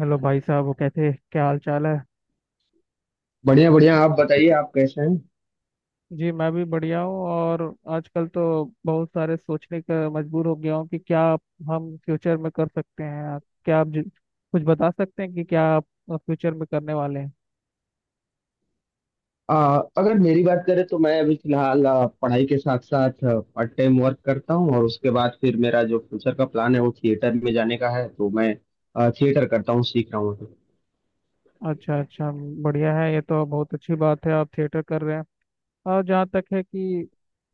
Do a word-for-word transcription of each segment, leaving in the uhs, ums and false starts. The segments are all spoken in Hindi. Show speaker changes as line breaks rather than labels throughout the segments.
हेलो भाई साहब, वो कैसे, क्या हाल चाल है।
बढ़िया बढ़िया। आप बताइए, आप कैसे हैं?
जी मैं भी बढ़िया हूँ। और आजकल तो बहुत सारे सोचने का मजबूर हो गया हूँ कि क्या हम फ्यूचर में कर सकते हैं। क्या आप जि- कुछ बता सकते हैं कि क्या आप फ्यूचर में करने वाले हैं?
आ, अगर मेरी बात करें तो मैं अभी फिलहाल आ, पढ़ाई के साथ साथ पार्ट टाइम वर्क करता हूँ और उसके बाद फिर मेरा जो फ्यूचर का प्लान है वो थिएटर में जाने का है, तो मैं आ, थिएटर करता हूँ, सीख रहा हूँ अभी।
अच्छा अच्छा, बढ़िया है, ये तो बहुत अच्छी बात है आप थिएटर कर रहे हैं। और जहाँ तक है कि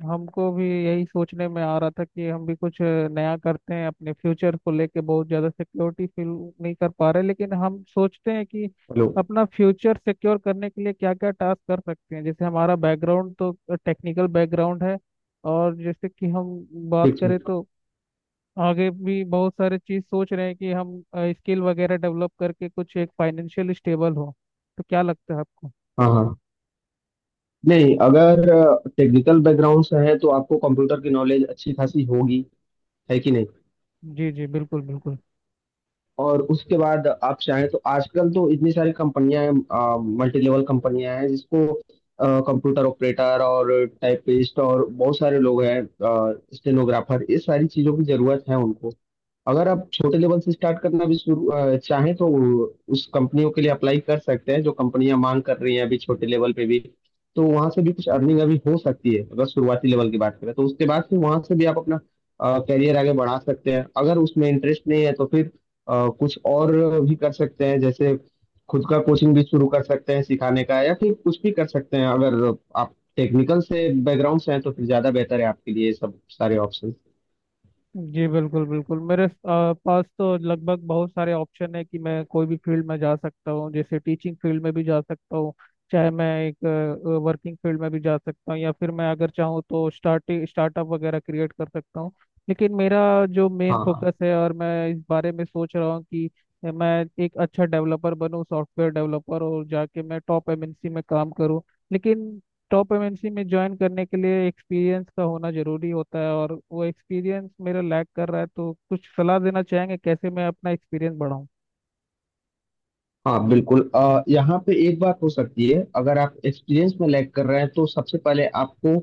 हमको भी यही सोचने में आ रहा था कि हम भी कुछ नया करते हैं अपने फ्यूचर को लेके, बहुत ज़्यादा सिक्योरिटी फील नहीं कर पा रहे, लेकिन हम सोचते हैं कि
हेलो।
अपना फ्यूचर सिक्योर करने के लिए क्या क्या टास्क कर सकते हैं। जैसे हमारा बैकग्राउंड तो टेक्निकल बैकग्राउंड है, और जैसे कि हम बात
ठीक
करें
ठीक।
तो आगे भी बहुत सारे चीज़ सोच रहे हैं कि हम स्किल वगैरह डेवलप करके कुछ एक फाइनेंशियल स्टेबल हो। तो क्या लगता है आपको?
हाँ हाँ। नहीं, अगर टेक्निकल बैकग्राउंड से है तो आपको कंप्यूटर की नॉलेज अच्छी खासी होगी। है कि नहीं?
जी जी बिल्कुल बिल्कुल।
और उसके बाद आप चाहें तो आजकल तो इतनी सारी कंपनियां हैं, मल्टी लेवल कंपनियां हैं, जिसको कंप्यूटर ऑपरेटर और टाइपिस्ट और बहुत सारे लोग हैं, स्टेनोग्राफर, ये सारी चीजों की जरूरत है उनको। अगर आप छोटे लेवल से स्टार्ट करना भी शुरू अ, चाहें तो उस कंपनियों के लिए अप्लाई कर सकते हैं, जो कंपनियां मांग कर रही हैं अभी छोटे लेवल पे भी। तो वहां से भी कुछ अर्निंग अभी हो सकती है, अगर शुरुआती लेवल की बात करें तो। उसके बाद फिर वहां से भी आप अपना करियर आगे बढ़ा सकते हैं। अगर उसमें इंटरेस्ट नहीं है तो फिर अ, कुछ और भी कर सकते हैं। जैसे खुद का कोचिंग भी शुरू कर सकते हैं सिखाने का, या फिर कुछ भी कर सकते हैं। अगर आप टेक्निकल से बैकग्राउंड से हैं तो फिर ज़्यादा बेहतर है आपके लिए ये सब सारे ऑप्शन।
जी बिल्कुल बिल्कुल, मेरे आ, पास तो लगभग बहुत सारे ऑप्शन है कि मैं कोई भी फील्ड में जा सकता हूँ, जैसे टीचिंग फील्ड में भी जा सकता हूँ, चाहे मैं एक वर्किंग फील्ड में भी जा सकता हूँ, या फिर मैं अगर चाहूँ तो स्टार्ट स्टार्टअप वगैरह क्रिएट कर सकता हूँ। लेकिन मेरा जो मेन
हाँ हाँ।
फोकस है और मैं इस बारे में सोच रहा हूँ कि मैं एक अच्छा डेवलपर बनूँ, सॉफ्टवेयर डेवलपर, और जाके मैं टॉप एम एन सी में काम करूँ। लेकिन टॉप एम एन सी में ज्वाइन करने के लिए एक्सपीरियंस का होना जरूरी होता है, और वो एक्सपीरियंस मेरा लैक कर रहा है, तो कुछ सलाह देना चाहेंगे कैसे मैं अपना एक्सपीरियंस बढ़ाऊं।
हाँ, बिल्कुल। अ, यहाँ पे एक बात हो सकती है। अगर आप एक्सपीरियंस में लैग कर रहे हैं तो सबसे पहले आपको,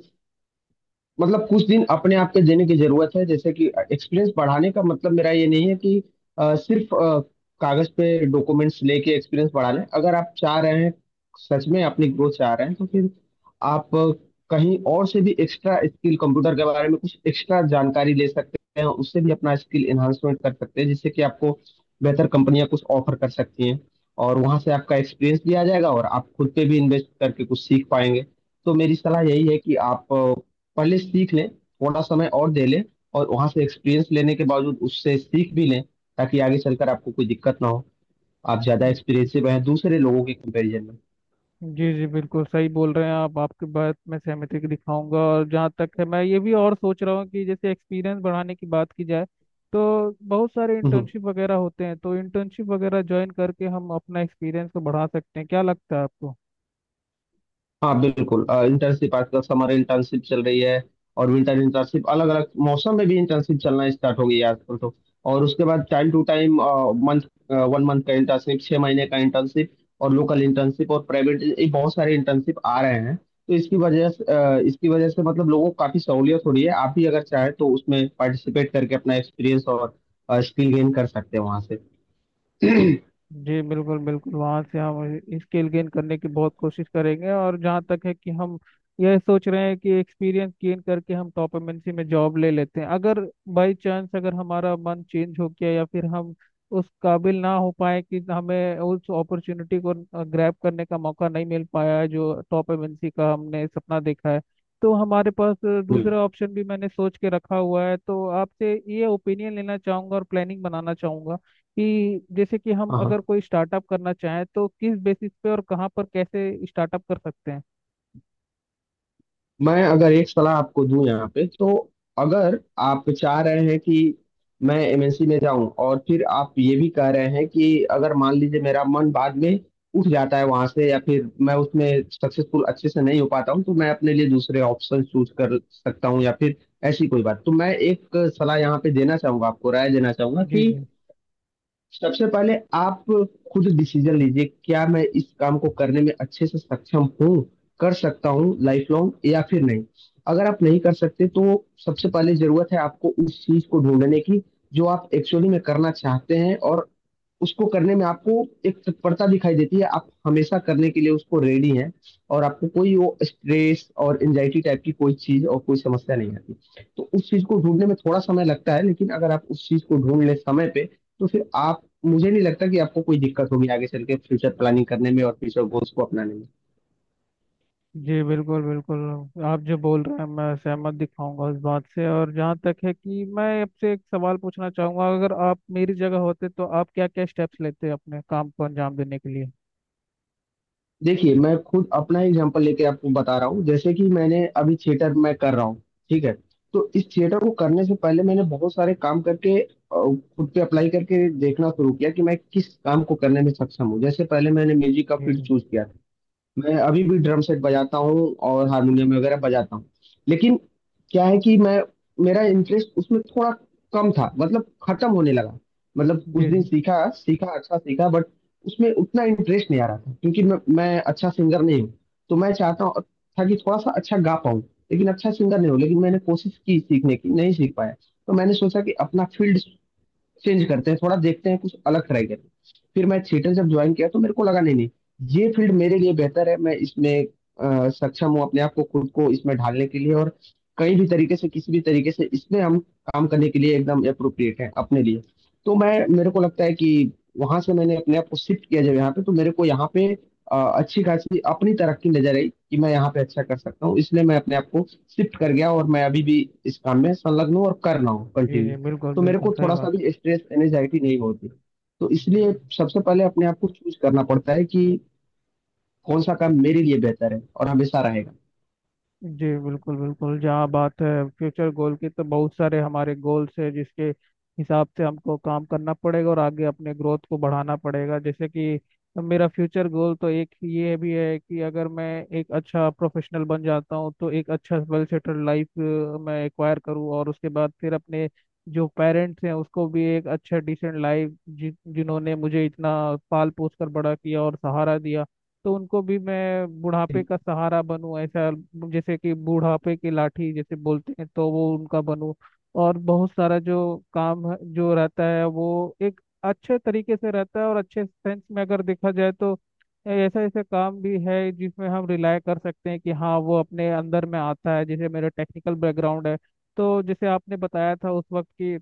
मतलब, कुछ दिन अपने आप के देने की जरूरत है। जैसे कि एक्सपीरियंस बढ़ाने का मतलब मेरा ये नहीं है कि अ, सिर्फ अ, कागज पे डॉक्यूमेंट्स लेके एक्सपीरियंस बढ़ा लें। अगर आप चाह रहे हैं, सच में अपनी ग्रोथ चाह रहे हैं, तो फिर आप अ, कहीं और से भी एक्स्ट्रा स्किल, कंप्यूटर के बारे में कुछ एक्स्ट्रा जानकारी ले सकते हैं। उससे भी अपना स्किल एनहांसमेंट कर सकते हैं, जिससे कि आपको बेहतर कंपनियां कुछ ऑफर कर सकती हैं। और वहां से आपका एक्सपीरियंस भी आ जाएगा और आप खुद पे भी इन्वेस्ट करके कुछ सीख पाएंगे। तो मेरी सलाह यही है कि आप पहले सीख लें, थोड़ा समय और दे लें, और वहां से एक्सपीरियंस लेने के बावजूद उससे सीख भी लें, ताकि आगे चलकर आपको कोई दिक्कत ना हो। आप ज्यादा एक्सपीरियंसिव हैं दूसरे लोगों के कंपैरिजन में।
जी जी बिल्कुल, सही बोल रहे हैं आप, आपकी बात मैं सहमति दिखाऊंगा। और जहाँ तक है, मैं ये भी और सोच रहा हूँ कि जैसे एक्सपीरियंस बढ़ाने की बात की जाए तो बहुत सारे
हम्म हम्म।
इंटर्नशिप वगैरह होते हैं, तो इंटर्नशिप वगैरह ज्वाइन करके हम अपना एक्सपीरियंस को बढ़ा सकते हैं, क्या लगता है आपको?
हाँ बिल्कुल। इंटर्नशिप आजकल, समर इंटर्नशिप चल रही है और विंटर इंटर्नशिप, अलग अलग मौसम में भी इंटर्नशिप चलना स्टार्ट हो गई है आजकल तो। और उसके बाद time to time, month, one month का इंटर्नशिप, छः महीने का इंटर्नशिप, और लोकल इंटर्नशिप और प्राइवेट, ये बहुत सारे इंटर्नशिप आ रहे हैं। तो इसकी वजह से अ, इसकी वजह से, मतलब, लोगों को काफ़ी सहूलियत हो रही है। आप भी अगर चाहें तो उसमें पार्टिसिपेट करके अपना एक्सपीरियंस और स्किल गेन कर सकते हैं वहाँ से।
जी बिल्कुल बिल्कुल, वहाँ से हम स्किल गेन करने की बहुत कोशिश करेंगे। और जहाँ तक है कि हम यह सोच रहे हैं कि एक्सपीरियंस गेन करके हम टॉप एम एन सी में जॉब ले लेते हैं। अगर बाई चांस अगर हमारा मन चेंज हो गया, या फिर हम उस काबिल ना हो पाए कि हमें उस अपॉर्चुनिटी को ग्रैब करने का मौका नहीं मिल पाया है जो टॉप एम एन सी का हमने सपना देखा है, तो हमारे पास दूसरा
बिल्कुल।
ऑप्शन भी मैंने सोच के रखा हुआ है, तो आपसे ये ओपिनियन लेना चाहूँगा और प्लानिंग बनाना चाहूँगा कि जैसे कि हम
हाँ
अगर
हाँ।
कोई स्टार्टअप करना चाहें तो किस बेसिस पे और कहाँ पर कैसे स्टार्टअप कर सकते हैं?
मैं अगर एक सलाह आपको दूं यहाँ पे, तो अगर आप चाह रहे हैं कि मैं एम एन सी में जाऊं, और फिर आप ये भी कह रहे हैं कि अगर मान लीजिए मेरा मन बाद में उठ जाता है वहां से, या फिर मैं उसमें सक्सेसफुल अच्छे से नहीं हो पाता हूं, तो मैं अपने लिए दूसरे ऑप्शन चूज कर सकता हूं, या फिर ऐसी कोई बात, तो मैं एक सलाह यहाँ पे देना चाहूंगा, आपको राय देना चाहूंगा,
जी
कि
जी।
सबसे पहले आप खुद डिसीजन लीजिए, क्या मैं इस काम को करने में अच्छे से सक्षम हूँ, कर सकता हूँ लाइफ लॉन्ग या फिर नहीं। अगर आप नहीं कर सकते तो सबसे पहले जरूरत है आपको उस चीज को ढूंढने की जो आप एक्चुअली में करना चाहते हैं, और उसको करने में आपको एक तत्परता दिखाई देती है, आप हमेशा करने के लिए उसको रेडी हैं, और आपको कोई वो स्ट्रेस और एंजाइटी टाइप की कोई चीज और कोई समस्या नहीं आती। तो उस चीज को ढूंढने में थोड़ा समय लगता है, लेकिन अगर आप उस चीज को ढूंढ लें समय पे, तो फिर आप, मुझे नहीं लगता कि आपको कोई दिक्कत होगी आगे चल के फ्यूचर प्लानिंग करने में और फ्यूचर गोल्स को अपनाने में।
जी बिल्कुल बिल्कुल, आप जो बोल रहे हैं मैं सहमत दिखाऊंगा उस बात से। और जहाँ तक है कि मैं आपसे एक सवाल पूछना चाहूंगा, अगर आप मेरी जगह होते तो आप क्या क्या स्टेप्स लेते अपने काम को अंजाम देने के लिए?
देखिए मैं खुद अपना एग्जांपल लेके आपको बता रहा हूँ, जैसे कि मैंने, अभी थिएटर मैं कर रहा हूँ, ठीक है? तो इस थिएटर को करने से पहले मैंने बहुत सारे काम करके, अ, खुद पे अप्लाई करके देखना शुरू किया कि मैं किस काम को करने में सक्षम हूँ। जैसे पहले मैंने म्यूजिक का
जी
फील्ड
जी,
चूज किया था। मैं अभी भी ड्रम सेट बजाता हूँ और हारमोनियम वगैरह बजाता हूँ। लेकिन क्या है कि मैं मेरा इंटरेस्ट उसमें थोड़ा कम था, मतलब खत्म होने लगा। मतलब कुछ
जी
दिन
जी,
सीखा, सीखा, अच्छा सीखा, बट उसमें उतना इंटरेस्ट नहीं आ रहा था, क्योंकि मैं मैं अच्छा सिंगर नहीं हूँ। तो मैं चाहता हूँ, था, कि थोड़ा सा अच्छा गा पाऊँ, लेकिन अच्छा सिंगर नहीं हूँ। लेकिन मैंने कोशिश की सीखने की, नहीं सीख पाया। तो मैंने सोचा कि अपना फील्ड चेंज करते हैं, थोड़ा देखते हैं, कुछ अलग ट्राई करते हैं। फिर मैं थिएटर जब ज्वाइन किया तो मेरे को लगा, नहीं नहीं, ये फील्ड मेरे लिए बेहतर है, मैं इसमें अ, सक्षम हूँ अपने आप को, खुद को, इसमें ढालने के लिए। और कहीं भी तरीके से, किसी भी तरीके से, इसमें हम काम करने के लिए एकदम अप्रोप्रिएट है अपने लिए। तो मैं मेरे को लगता है कि वहां से मैंने अपने आप को शिफ्ट किया जब यहाँ पे, तो मेरे को यहाँ पे अ, अच्छी खासी अपनी तरफ की नजर आई कि मैं यहाँ पे अच्छा कर सकता हूँ। इसलिए मैं अपने आप को शिफ्ट कर गया और मैं अभी भी इस काम में संलग्न हूँ और कर रहा हूँ
जी जी
कंटिन्यू।
बिल्कुल
तो मेरे
बिल्कुल
को
सही
थोड़ा सा
बात।
भी स्ट्रेस एनजाइटी नहीं होती। तो इसलिए सबसे पहले अपने आप को चूज करना पड़ता है कि कौन सा काम मेरे लिए बेहतर है और हमेशा रहेगा।
जी बिल्कुल बिल्कुल, जहाँ बात है फ्यूचर गोल की, तो बहुत सारे हमारे गोल्स है जिसके हिसाब से हमको काम करना पड़ेगा और आगे अपने ग्रोथ को बढ़ाना पड़ेगा। जैसे कि मेरा फ्यूचर गोल तो एक ये भी है कि अगर मैं एक अच्छा प्रोफेशनल बन जाता हूँ तो एक अच्छा वेल सेटल्ड लाइफ मैं एक्वायर करूँ, और उसके बाद फिर अपने जो पेरेंट्स हैं उसको भी एक अच्छा डिसेंट लाइफ, जि, जिन्होंने मुझे इतना पाल पोस कर बड़ा किया और सहारा दिया, तो उनको भी मैं बुढ़ापे का सहारा बनूं, ऐसा जैसे कि बुढ़ापे की लाठी जैसे बोलते हैं तो वो उनका बनूं। और बहुत सारा जो काम है- जो रहता है वो एक अच्छे तरीके से रहता है, और अच्छे सेंस में अगर देखा जाए तो ऐसा ऐसा काम भी है जिसमें हम रिलाय कर सकते हैं कि हाँ वो अपने अंदर में आता है, जैसे मेरा टेक्निकल बैकग्राउंड है। तो जैसे आपने बताया था उस वक्त की,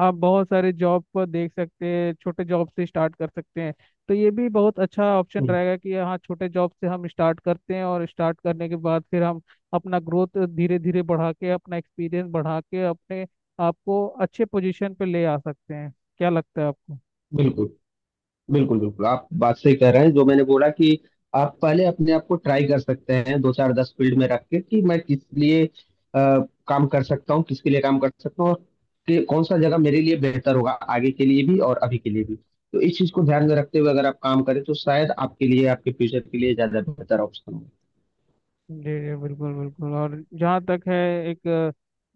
आप बहुत सारे जॉब को देख सकते हैं, छोटे जॉब से स्टार्ट कर सकते हैं, तो ये भी बहुत अच्छा ऑप्शन
हम्म,
रहेगा कि हाँ छोटे जॉब से हम स्टार्ट करते हैं, और स्टार्ट करने के बाद फिर हम अपना ग्रोथ धीरे धीरे बढ़ा के, अपना एक्सपीरियंस बढ़ा के, अपने आप को अच्छे पोजीशन पे ले आ सकते हैं। क्या लगता है आपको?
बिल्कुल, बिल्कुल, बिल्कुल, आप बात सही कह रहे हैं, जो मैंने बोला कि आप पहले अपने आप को ट्राई कर सकते हैं दो चार दस फील्ड में रख के, कि मैं किस लिए अ, काम कर सकता हूँ, किसके लिए काम कर सकता हूँ, और कि कौन सा जगह मेरे लिए बेहतर होगा, आगे के लिए भी और अभी के लिए भी। तो इस चीज को ध्यान में रखते हुए अगर आप काम करें तो शायद आपके लिए, आपके फ्यूचर के लिए ज्यादा बेहतर ऑप्शन।
जी जी बिल्कुल बिल्कुल। और जहाँ तक है, एक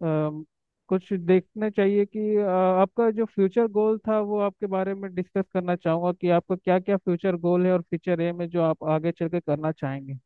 अ, अम, कुछ देखना चाहिए कि अ, आपका जो फ्यूचर गोल था वो आपके बारे में डिस्कस करना चाहूँगा कि आपका क्या क्या फ्यूचर गोल है और फ्यूचर एम है जो आप आगे चल के करना चाहेंगे।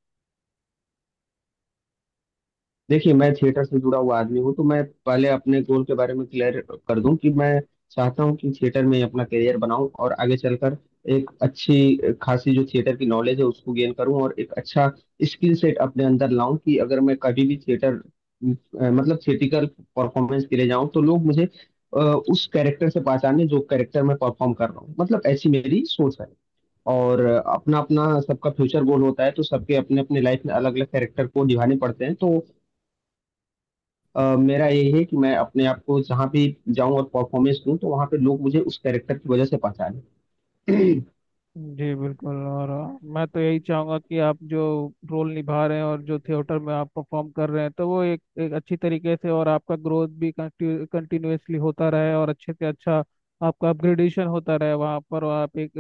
देखिए मैं थिएटर से जुड़ा हुआ आदमी हूँ, तो मैं पहले अपने गोल के बारे में क्लियर कर दूं कि मैं चाहता हूँ कि थिएटर में ही अपना करियर बनाऊं, और आगे चलकर एक अच्छी खासी जो थिएटर की नॉलेज है उसको गेन करूं और एक अच्छा स्किल सेट अपने अंदर लाऊं, कि अगर मैं कभी भी थिएटर अ, मतलब थिएटिकल परफॉर्मेंस के लिए जाऊं तो लोग मुझे अ, उस कैरेक्टर से पहचाने, जो कैरेक्टर मैं परफॉर्म कर रहा हूँ। मतलब ऐसी मेरी सोच है। और अपना अपना सबका फ्यूचर गोल होता है, तो सबके अपने अपने लाइफ में अलग अलग कैरेक्टर को निभाने पड़ते हैं। तो अ, मेरा यही है कि मैं अपने आप को जहाँ भी जाऊँ और परफॉर्मेंस दूँ, तो वहाँ पे लोग मुझे उस कैरेक्टर की वजह से पहचाने।
जी बिल्कुल। और अ, मैं तो यही चाहूंगा कि आप जो रोल निभा रहे हैं और जो थिएटर में आप परफॉर्म कर रहे हैं तो वो एक एक अच्छी तरीके से, और आपका ग्रोथ भी कंटिन्यूअसली होता रहे और अच्छे से अच्छा आपका अपग्रेडेशन होता रहे वहाँ पर, और आप एक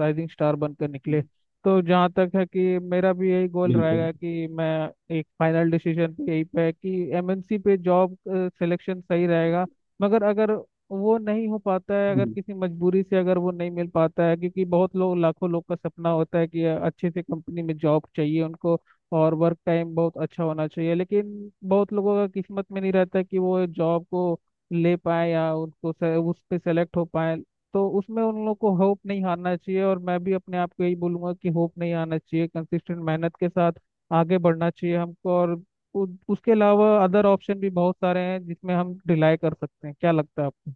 राइजिंग स्टार बनकर निकले। तो जहाँ तक है कि मेरा भी यही गोल
बिल्कुल,
रहेगा कि मैं एक फाइनल डिसीजन पे यही पे है कि एम एन सी पे जॉब सिलेक्शन सही रहेगा। मगर अगर वो नहीं हो पाता है, अगर किसी मजबूरी से अगर वो नहीं मिल पाता है, क्योंकि बहुत लोग, लाखों लोग का सपना होता है कि अच्छे से कंपनी में जॉब चाहिए उनको, और वर्क टाइम बहुत अच्छा होना चाहिए, लेकिन बहुत लोगों का किस्मत में नहीं रहता कि वो जॉब को ले पाए या उनको से, उस पे सेलेक्ट हो पाए। तो उसमें उन लोगों को होप नहीं हारना चाहिए, और मैं भी अपने आप को यही बोलूंगा कि होप नहीं हारना चाहिए, कंसिस्टेंट मेहनत के साथ आगे बढ़ना चाहिए हमको। और उ- उसके अलावा अदर ऑप्शन भी बहुत सारे हैं जिसमें हम रिलाई कर सकते हैं, क्या लगता है आपको?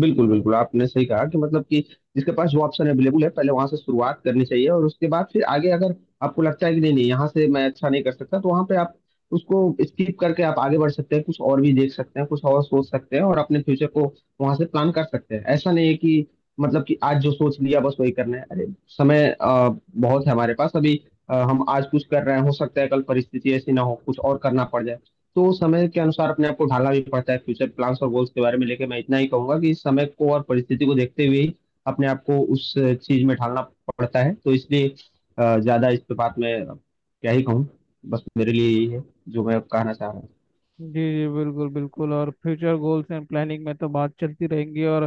बिल्कुल, बिल्कुल, आपने सही कहा कि, मतलब कि, जिसके पास जो ऑप्शन अवेलेबल है पहले वहां से शुरुआत करनी चाहिए, और उसके बाद फिर आगे अगर आपको लगता है कि नहीं नहीं, यहाँ से मैं अच्छा नहीं कर सकता, तो वहां पे आप उसको स्किप करके आप आगे बढ़ सकते हैं, कुछ और भी देख सकते हैं, कुछ और सोच सकते हैं और अपने फ्यूचर को वहां से प्लान कर सकते हैं। ऐसा नहीं है कि, मतलब कि, आज जो सोच लिया बस वही करना है। अरे समय अ, बहुत है हमारे पास अभी। अ, हम आज कुछ कर रहे हैं, हो सकता है कल परिस्थिति ऐसी ना हो, कुछ और करना पड़ जाए। तो समय के अनुसार अपने आप को ढालना भी पड़ता है। फ्यूचर प्लान्स और गोल्स के बारे में लेके मैं इतना ही कहूंगा कि इस समय को और परिस्थिति को देखते हुए ही अपने आप को उस चीज में ढालना पड़ता है। तो इसलिए अ, ज्यादा इस पे बात में क्या ही कहूँ, बस मेरे लिए यही है जो मैं कहना चाह रहा हूँ।
जी जी बिल्कुल बिल्कुल, और फ्यूचर गोल्स एंड प्लानिंग में तो बात चलती रहेंगी, और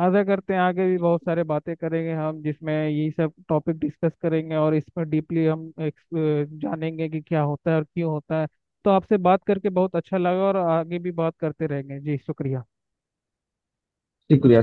आशा करते हैं आगे भी बहुत सारे बातें करेंगे हम जिसमें यही सब टॉपिक डिस्कस करेंगे और इस पर डीपली हम एक्स- जानेंगे कि क्या होता है और क्यों होता है। तो आपसे बात करके बहुत अच्छा लगा, और आगे भी बात करते रहेंगे जी, शुक्रिया।
शुक्रिया।